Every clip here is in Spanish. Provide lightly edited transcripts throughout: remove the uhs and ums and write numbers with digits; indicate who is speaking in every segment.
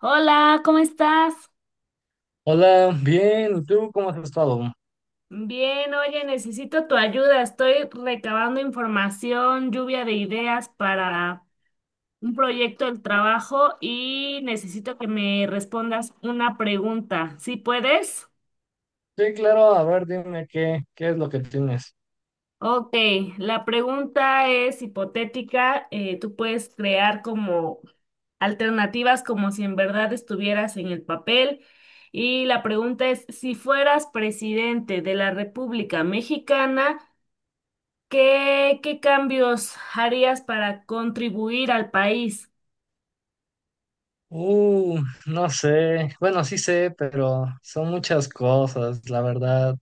Speaker 1: Hola, ¿cómo estás?
Speaker 2: Hola, bien, ¿y tú cómo has estado?
Speaker 1: Bien, oye, necesito tu ayuda. Estoy recabando información, lluvia de ideas para un proyecto del trabajo y necesito que me respondas una pregunta. ¿Sí puedes?
Speaker 2: Sí, claro, a ver, dime qué es lo que tienes.
Speaker 1: Ok, la pregunta es hipotética. Tú puedes crear como alternativas como si en verdad estuvieras en el papel. Y la pregunta es, si fueras presidente de la República Mexicana, ¿qué cambios harías para contribuir al país?
Speaker 2: Uh, no sé, bueno, sí sé, pero son muchas cosas, la verdad.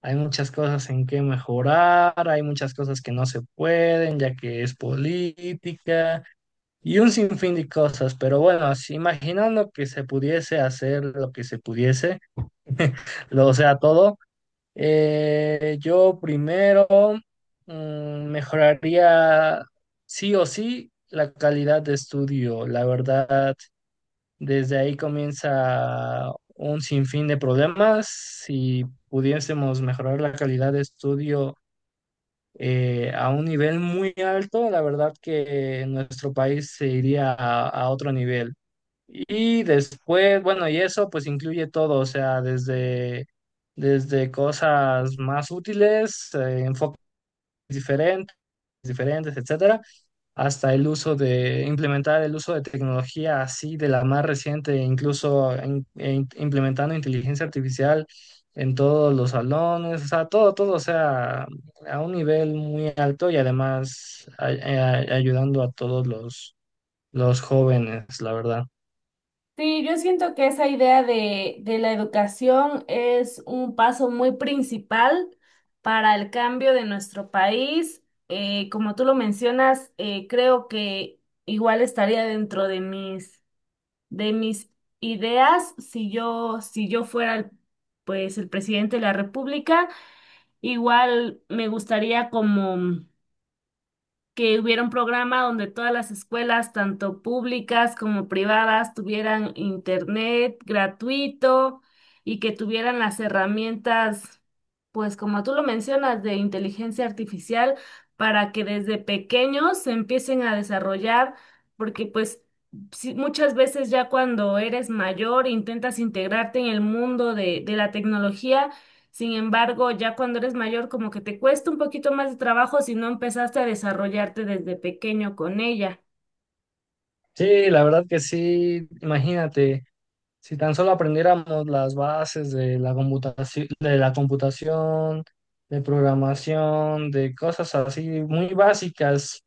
Speaker 2: Hay muchas cosas en que mejorar, hay muchas cosas que no se pueden, ya que es política y un sinfín de cosas, pero bueno, si imaginando que se pudiese hacer lo que se pudiese, lo, o sea, todo. Yo primero mejoraría sí o sí la calidad de estudio. La verdad, desde ahí comienza un sinfín de problemas. Si pudiésemos mejorar la calidad de estudio a un nivel muy alto, la verdad que nuestro país se iría a otro nivel. Y después, bueno, y eso pues incluye todo, o sea, desde cosas más útiles, enfoques diferentes, diferentes, etcétera, hasta el uso de implementar el uso de tecnología así de la más reciente, incluso implementando inteligencia artificial en todos los salones, o sea, todo, o sea, a un nivel muy alto y además ayudando a los jóvenes, la verdad.
Speaker 1: Sí, yo siento que esa idea de la educación es un paso muy principal para el cambio de nuestro país. Como tú lo mencionas, creo que igual estaría dentro de de mis ideas si yo, pues el presidente de la República. Igual me gustaría como que hubiera un programa donde todas las escuelas, tanto públicas como privadas, tuvieran internet gratuito y que tuvieran las herramientas, pues como tú lo mencionas, de inteligencia artificial para que desde pequeños se empiecen a desarrollar, porque pues sí, muchas veces ya cuando eres mayor intentas integrarte en el mundo de la tecnología. Sin embargo, ya cuando eres mayor, como que te cuesta un poquito más de trabajo si no empezaste a desarrollarte desde pequeño con ella.
Speaker 2: Sí, la verdad que sí, imagínate, si tan solo aprendiéramos las bases de la computación, de programación, de cosas así muy básicas,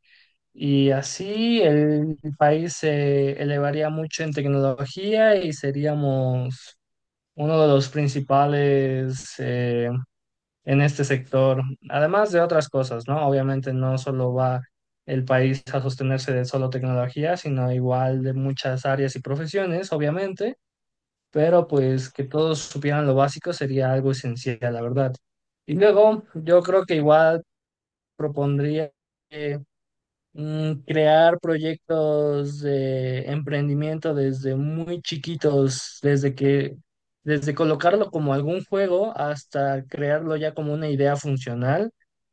Speaker 2: y así el país se elevaría mucho en tecnología y seríamos uno de los principales en este sector, además de otras cosas, ¿no? Obviamente no solo va el país a sostenerse de solo tecnología, sino igual de muchas áreas y profesiones, obviamente, pero pues que todos supieran lo básico sería algo esencial, la verdad. Y luego yo creo que igual propondría eh, crear proyectos de emprendimiento desde muy chiquitos, desde colocarlo como algún juego hasta crearlo ya como una idea funcional,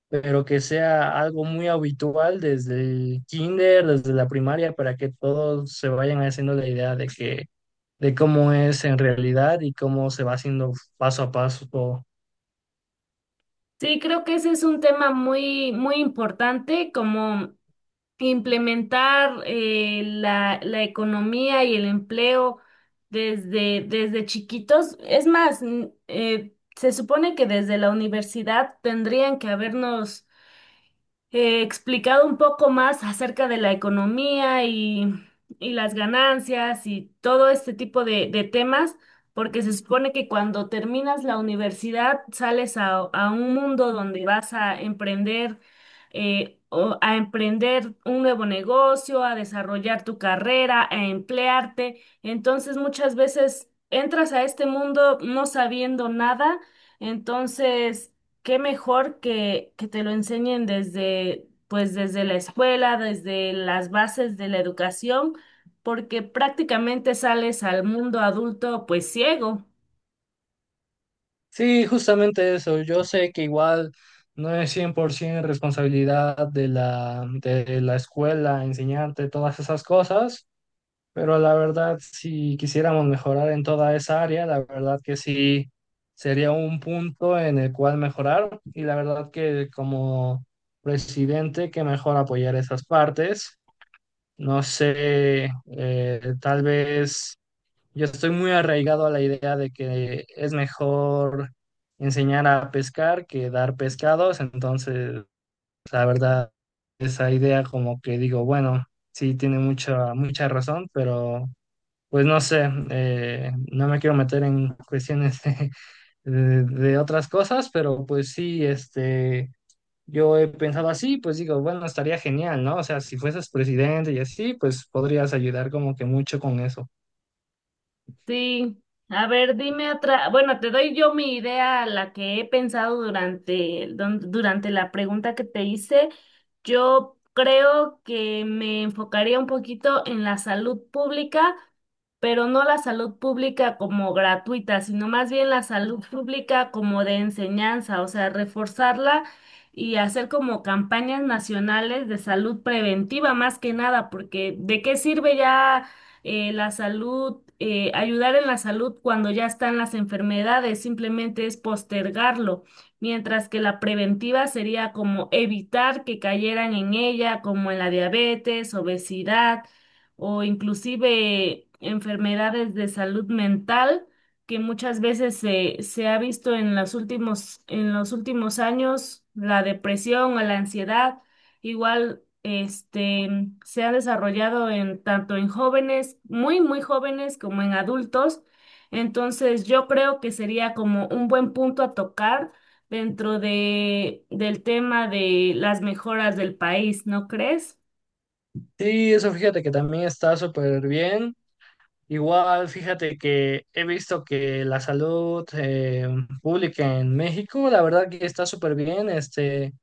Speaker 2: pero que sea algo muy habitual desde el kinder, desde la primaria, para que todos se vayan haciendo la idea de que, de cómo es en realidad y cómo se va haciendo paso a paso todo.
Speaker 1: Sí, creo que ese es un tema muy, muy importante, como implementar la economía y el empleo desde chiquitos. Es más, se supone que desde la universidad tendrían que habernos explicado un poco más acerca de la economía y las ganancias y todo este tipo de temas, porque se supone que cuando terminas la universidad sales a un mundo donde vas a emprender, o a emprender un nuevo negocio, a desarrollar tu carrera, a emplearte. Entonces muchas veces entras a este mundo no sabiendo nada. Entonces, qué mejor que te lo enseñen desde, pues desde la escuela, desde las bases de la educación, porque prácticamente sales al mundo adulto pues ciego.
Speaker 2: Sí, justamente eso. Yo sé que igual no es 100% responsabilidad de de la escuela enseñarte todas esas cosas. Pero la verdad, si quisiéramos mejorar en toda esa área, la verdad que sí sería un punto en el cual mejorar, y la verdad que como presidente, que mejor apoyar esas partes. No sé, tal vez yo estoy muy arraigado a la idea de que es mejor enseñar a pescar que dar pescados, entonces la verdad esa idea como que digo, bueno, sí tiene mucha mucha razón, pero pues no sé, no me quiero meter en cuestiones de, de otras cosas, pero pues sí, este, yo he pensado así, pues digo, bueno, estaría genial, ¿no? O sea, si fueses presidente y así, pues podrías ayudar como que mucho con eso.
Speaker 1: Sí, a ver, dime otra, bueno, te doy yo mi idea, la que he pensado durante, durante la pregunta que te hice. Yo creo que me enfocaría un poquito en la salud pública, pero no la salud pública como gratuita, sino más bien la salud pública como de enseñanza, o sea, reforzarla y hacer como campañas nacionales de salud preventiva más que nada, porque ¿de qué sirve ya? La salud, ayudar en la salud cuando ya están las enfermedades, simplemente es postergarlo, mientras que la preventiva sería como evitar que cayeran en ella, como en la diabetes, obesidad o inclusive enfermedades de salud mental que muchas veces se ha visto en los últimos años, la depresión o la ansiedad. Igual, este, se ha desarrollado en tanto en jóvenes, muy, muy jóvenes, como en adultos. Entonces, yo creo que sería como un buen punto a tocar dentro del tema de las mejoras del país, ¿no crees?
Speaker 2: Sí, eso fíjate que también está súper bien. Igual, fíjate que he visto que la salud pública en México, la verdad que está súper bien, este.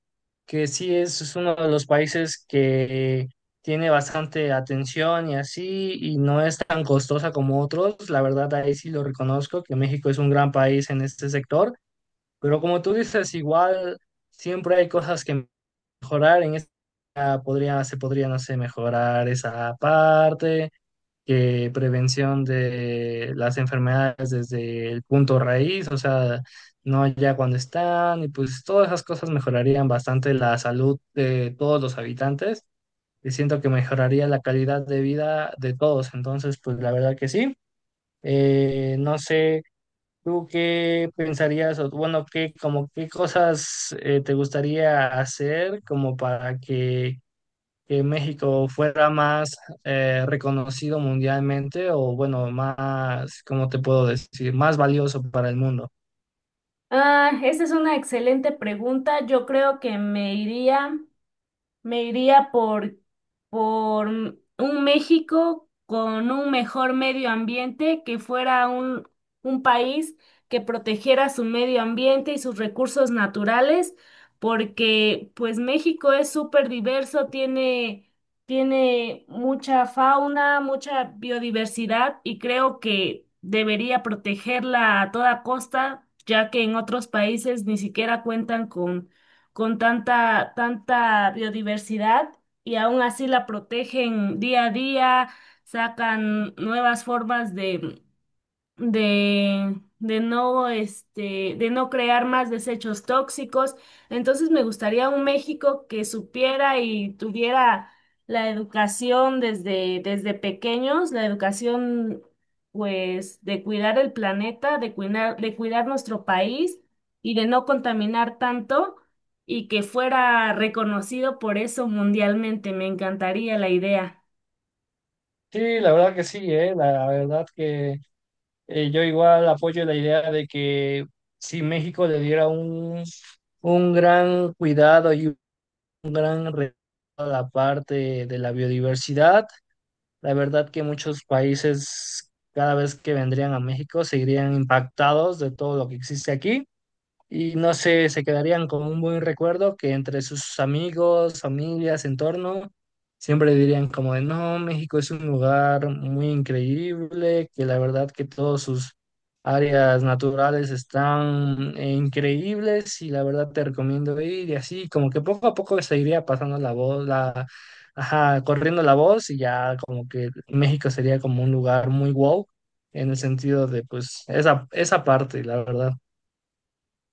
Speaker 2: Que sí es uno de los países que tiene bastante atención y así, y no es tan costosa como otros. La verdad, ahí sí lo reconozco, que México es un gran país en este sector, pero como tú dices, igual siempre hay cosas que mejorar. En esta se podría, no sé, mejorar esa parte, que prevención de las enfermedades desde el punto raíz, o sea, no ya cuando están, y pues todas esas cosas mejorarían bastante la salud de todos los habitantes, y siento que mejoraría la calidad de vida de todos, entonces pues la verdad que sí. No sé, ¿tú qué pensarías? O bueno, qué como qué cosas te gustaría hacer como para que México fuera más reconocido mundialmente o bueno, más, ¿cómo te puedo decir? Más valioso para el mundo.
Speaker 1: Ah, esa es una excelente pregunta. Yo creo que me iría. Me iría por un México con un mejor medio ambiente, que fuera un país que protegiera su medio ambiente y sus recursos naturales, porque pues México es súper diverso, tiene, tiene mucha fauna, mucha biodiversidad y creo que debería protegerla a toda costa, ya que en otros países ni siquiera cuentan con tanta, tanta biodiversidad y aún así la protegen día a día, sacan nuevas formas de no, este, de no crear más desechos tóxicos. Entonces me gustaría un México que supiera y tuviera la educación desde pequeños, la educación pues de cuidar el planeta, de cuidar nuestro país y de no contaminar tanto y que fuera reconocido por eso mundialmente. Me encantaría la idea.
Speaker 2: Sí, la verdad que sí, la verdad que yo igual apoyo la idea de que si México le diera un gran cuidado y un gran a la parte de la biodiversidad, la verdad que muchos países cada vez que vendrían a México seguirían impactados de todo lo que existe aquí. Y no sé, se quedarían con un buen recuerdo, que entre sus amigos, familias, entorno, siempre dirían como de, no, México es un lugar muy increíble, que la verdad que todos sus áreas naturales están increíbles y la verdad te recomiendo ir, y así, como que poco a poco se iría pasando la voz, ajá, corriendo la voz, y ya como que México sería como un lugar muy wow en el sentido de pues esa parte, la verdad.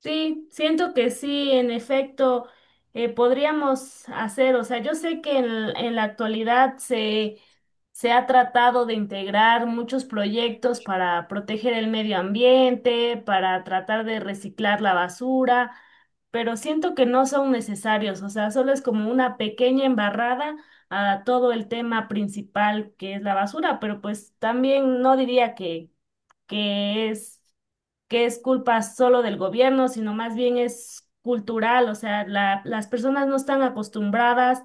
Speaker 1: Sí, siento que sí, en efecto, podríamos hacer, o sea, yo sé que en la actualidad se ha tratado de integrar muchos proyectos para proteger el medio ambiente, para tratar de reciclar la basura, pero siento que no son necesarios, o sea, solo es como una pequeña embarrada a todo el tema principal que es la basura, pero pues también no diría que, que es que es culpa solo del gobierno, sino más bien es cultural, o sea, las personas no están acostumbradas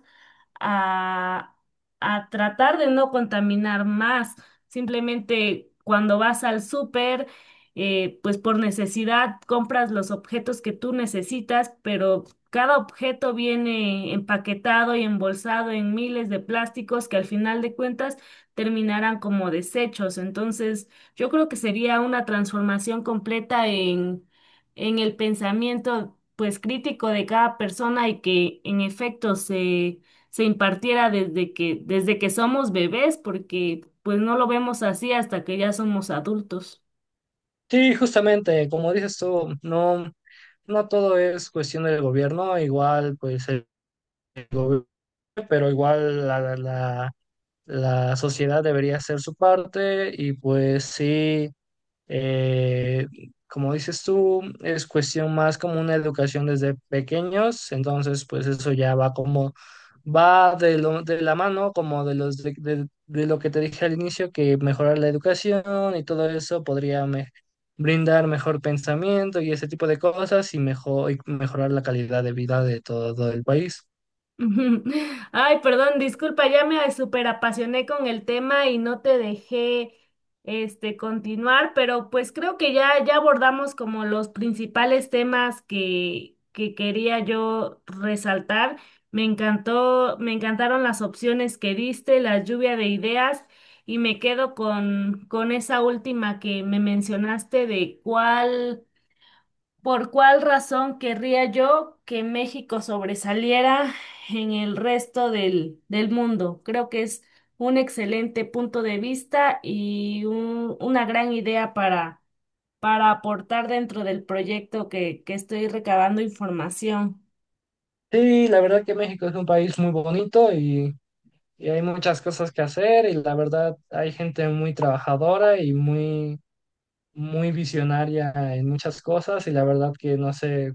Speaker 1: a, a tratar de no contaminar más. Simplemente cuando vas al súper, pues por necesidad compras los objetos que tú necesitas, pero cada objeto viene empaquetado y embolsado en miles de plásticos que al final de cuentas terminarán como desechos. Entonces, yo creo que sería una transformación completa en el pensamiento pues crítico de cada persona y que en efecto se impartiera desde desde que somos bebés, porque pues no lo vemos así hasta que ya somos adultos.
Speaker 2: Sí, justamente, como dices tú, no, no todo es cuestión del gobierno, igual pues el gobierno, pero igual la la sociedad debería hacer su parte, y pues sí. Eh, Como dices tú, es cuestión más como una educación desde pequeños, entonces pues eso ya va como, va de, de la mano, como de, de lo que te dije al inicio, que mejorar la educación y todo eso podría brindar mejor pensamiento y ese tipo de cosas y, y mejorar la calidad de vida de todo el país.
Speaker 1: Ujú. Ay, perdón, disculpa, ya me superapasioné con el tema y no te dejé este continuar, pero pues creo que ya, ya abordamos como los principales temas que quería yo resaltar. Me encantó, me encantaron las opciones que diste, la lluvia de ideas, y me quedo con esa última que me mencionaste de cuál. ¿Por cuál razón querría yo que México sobresaliera en el resto del mundo? Creo que es un excelente punto de vista y una gran idea para aportar dentro del proyecto que estoy recabando información.
Speaker 2: Sí, la verdad que México es un país muy bonito y hay muchas cosas que hacer, y la verdad hay gente muy trabajadora y muy, muy visionaria en muchas cosas, y la verdad que no sé,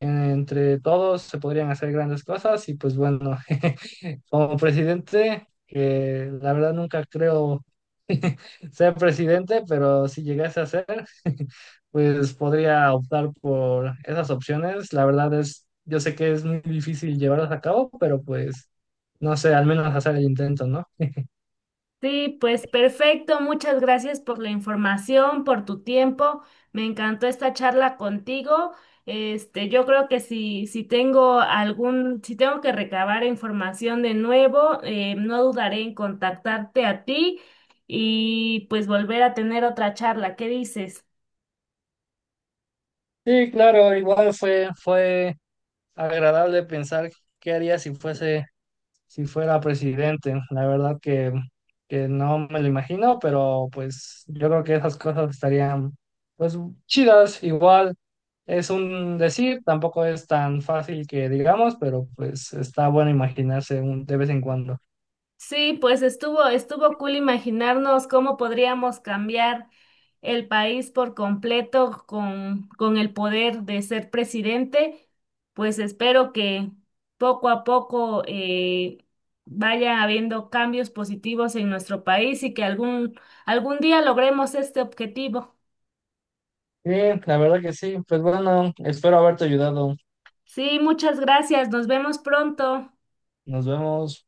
Speaker 2: entre todos se podrían hacer grandes cosas, y pues bueno, como presidente, que la verdad nunca creo ser presidente, pero si llegase a ser, pues podría optar por esas opciones. La verdad es, yo sé que es muy difícil llevarlas a cabo, pero pues no sé, al menos hacer el intento, ¿no?
Speaker 1: Sí, pues perfecto. Muchas gracias por la información, por tu tiempo. Me encantó esta charla contigo. Este, yo creo que si, si tengo algún, si tengo que recabar información de nuevo, no dudaré en contactarte a ti y pues volver a tener otra charla. ¿Qué dices?
Speaker 2: Sí, claro, igual fue agradable pensar qué haría si fuese, si fuera presidente. La verdad que no me lo imagino, pero pues yo creo que esas cosas estarían pues chidas. Igual es un decir, tampoco es tan fácil que digamos, pero pues está bueno imaginarse un, de vez en cuando.
Speaker 1: Sí, pues estuvo, estuvo cool imaginarnos cómo podríamos cambiar el país por completo con el poder de ser presidente. Pues espero que poco a poco vaya habiendo cambios positivos en nuestro país y que algún, algún día logremos este objetivo.
Speaker 2: Sí, la verdad que sí. Pues bueno, espero haberte ayudado.
Speaker 1: Sí, muchas gracias. Nos vemos pronto.
Speaker 2: Nos vemos.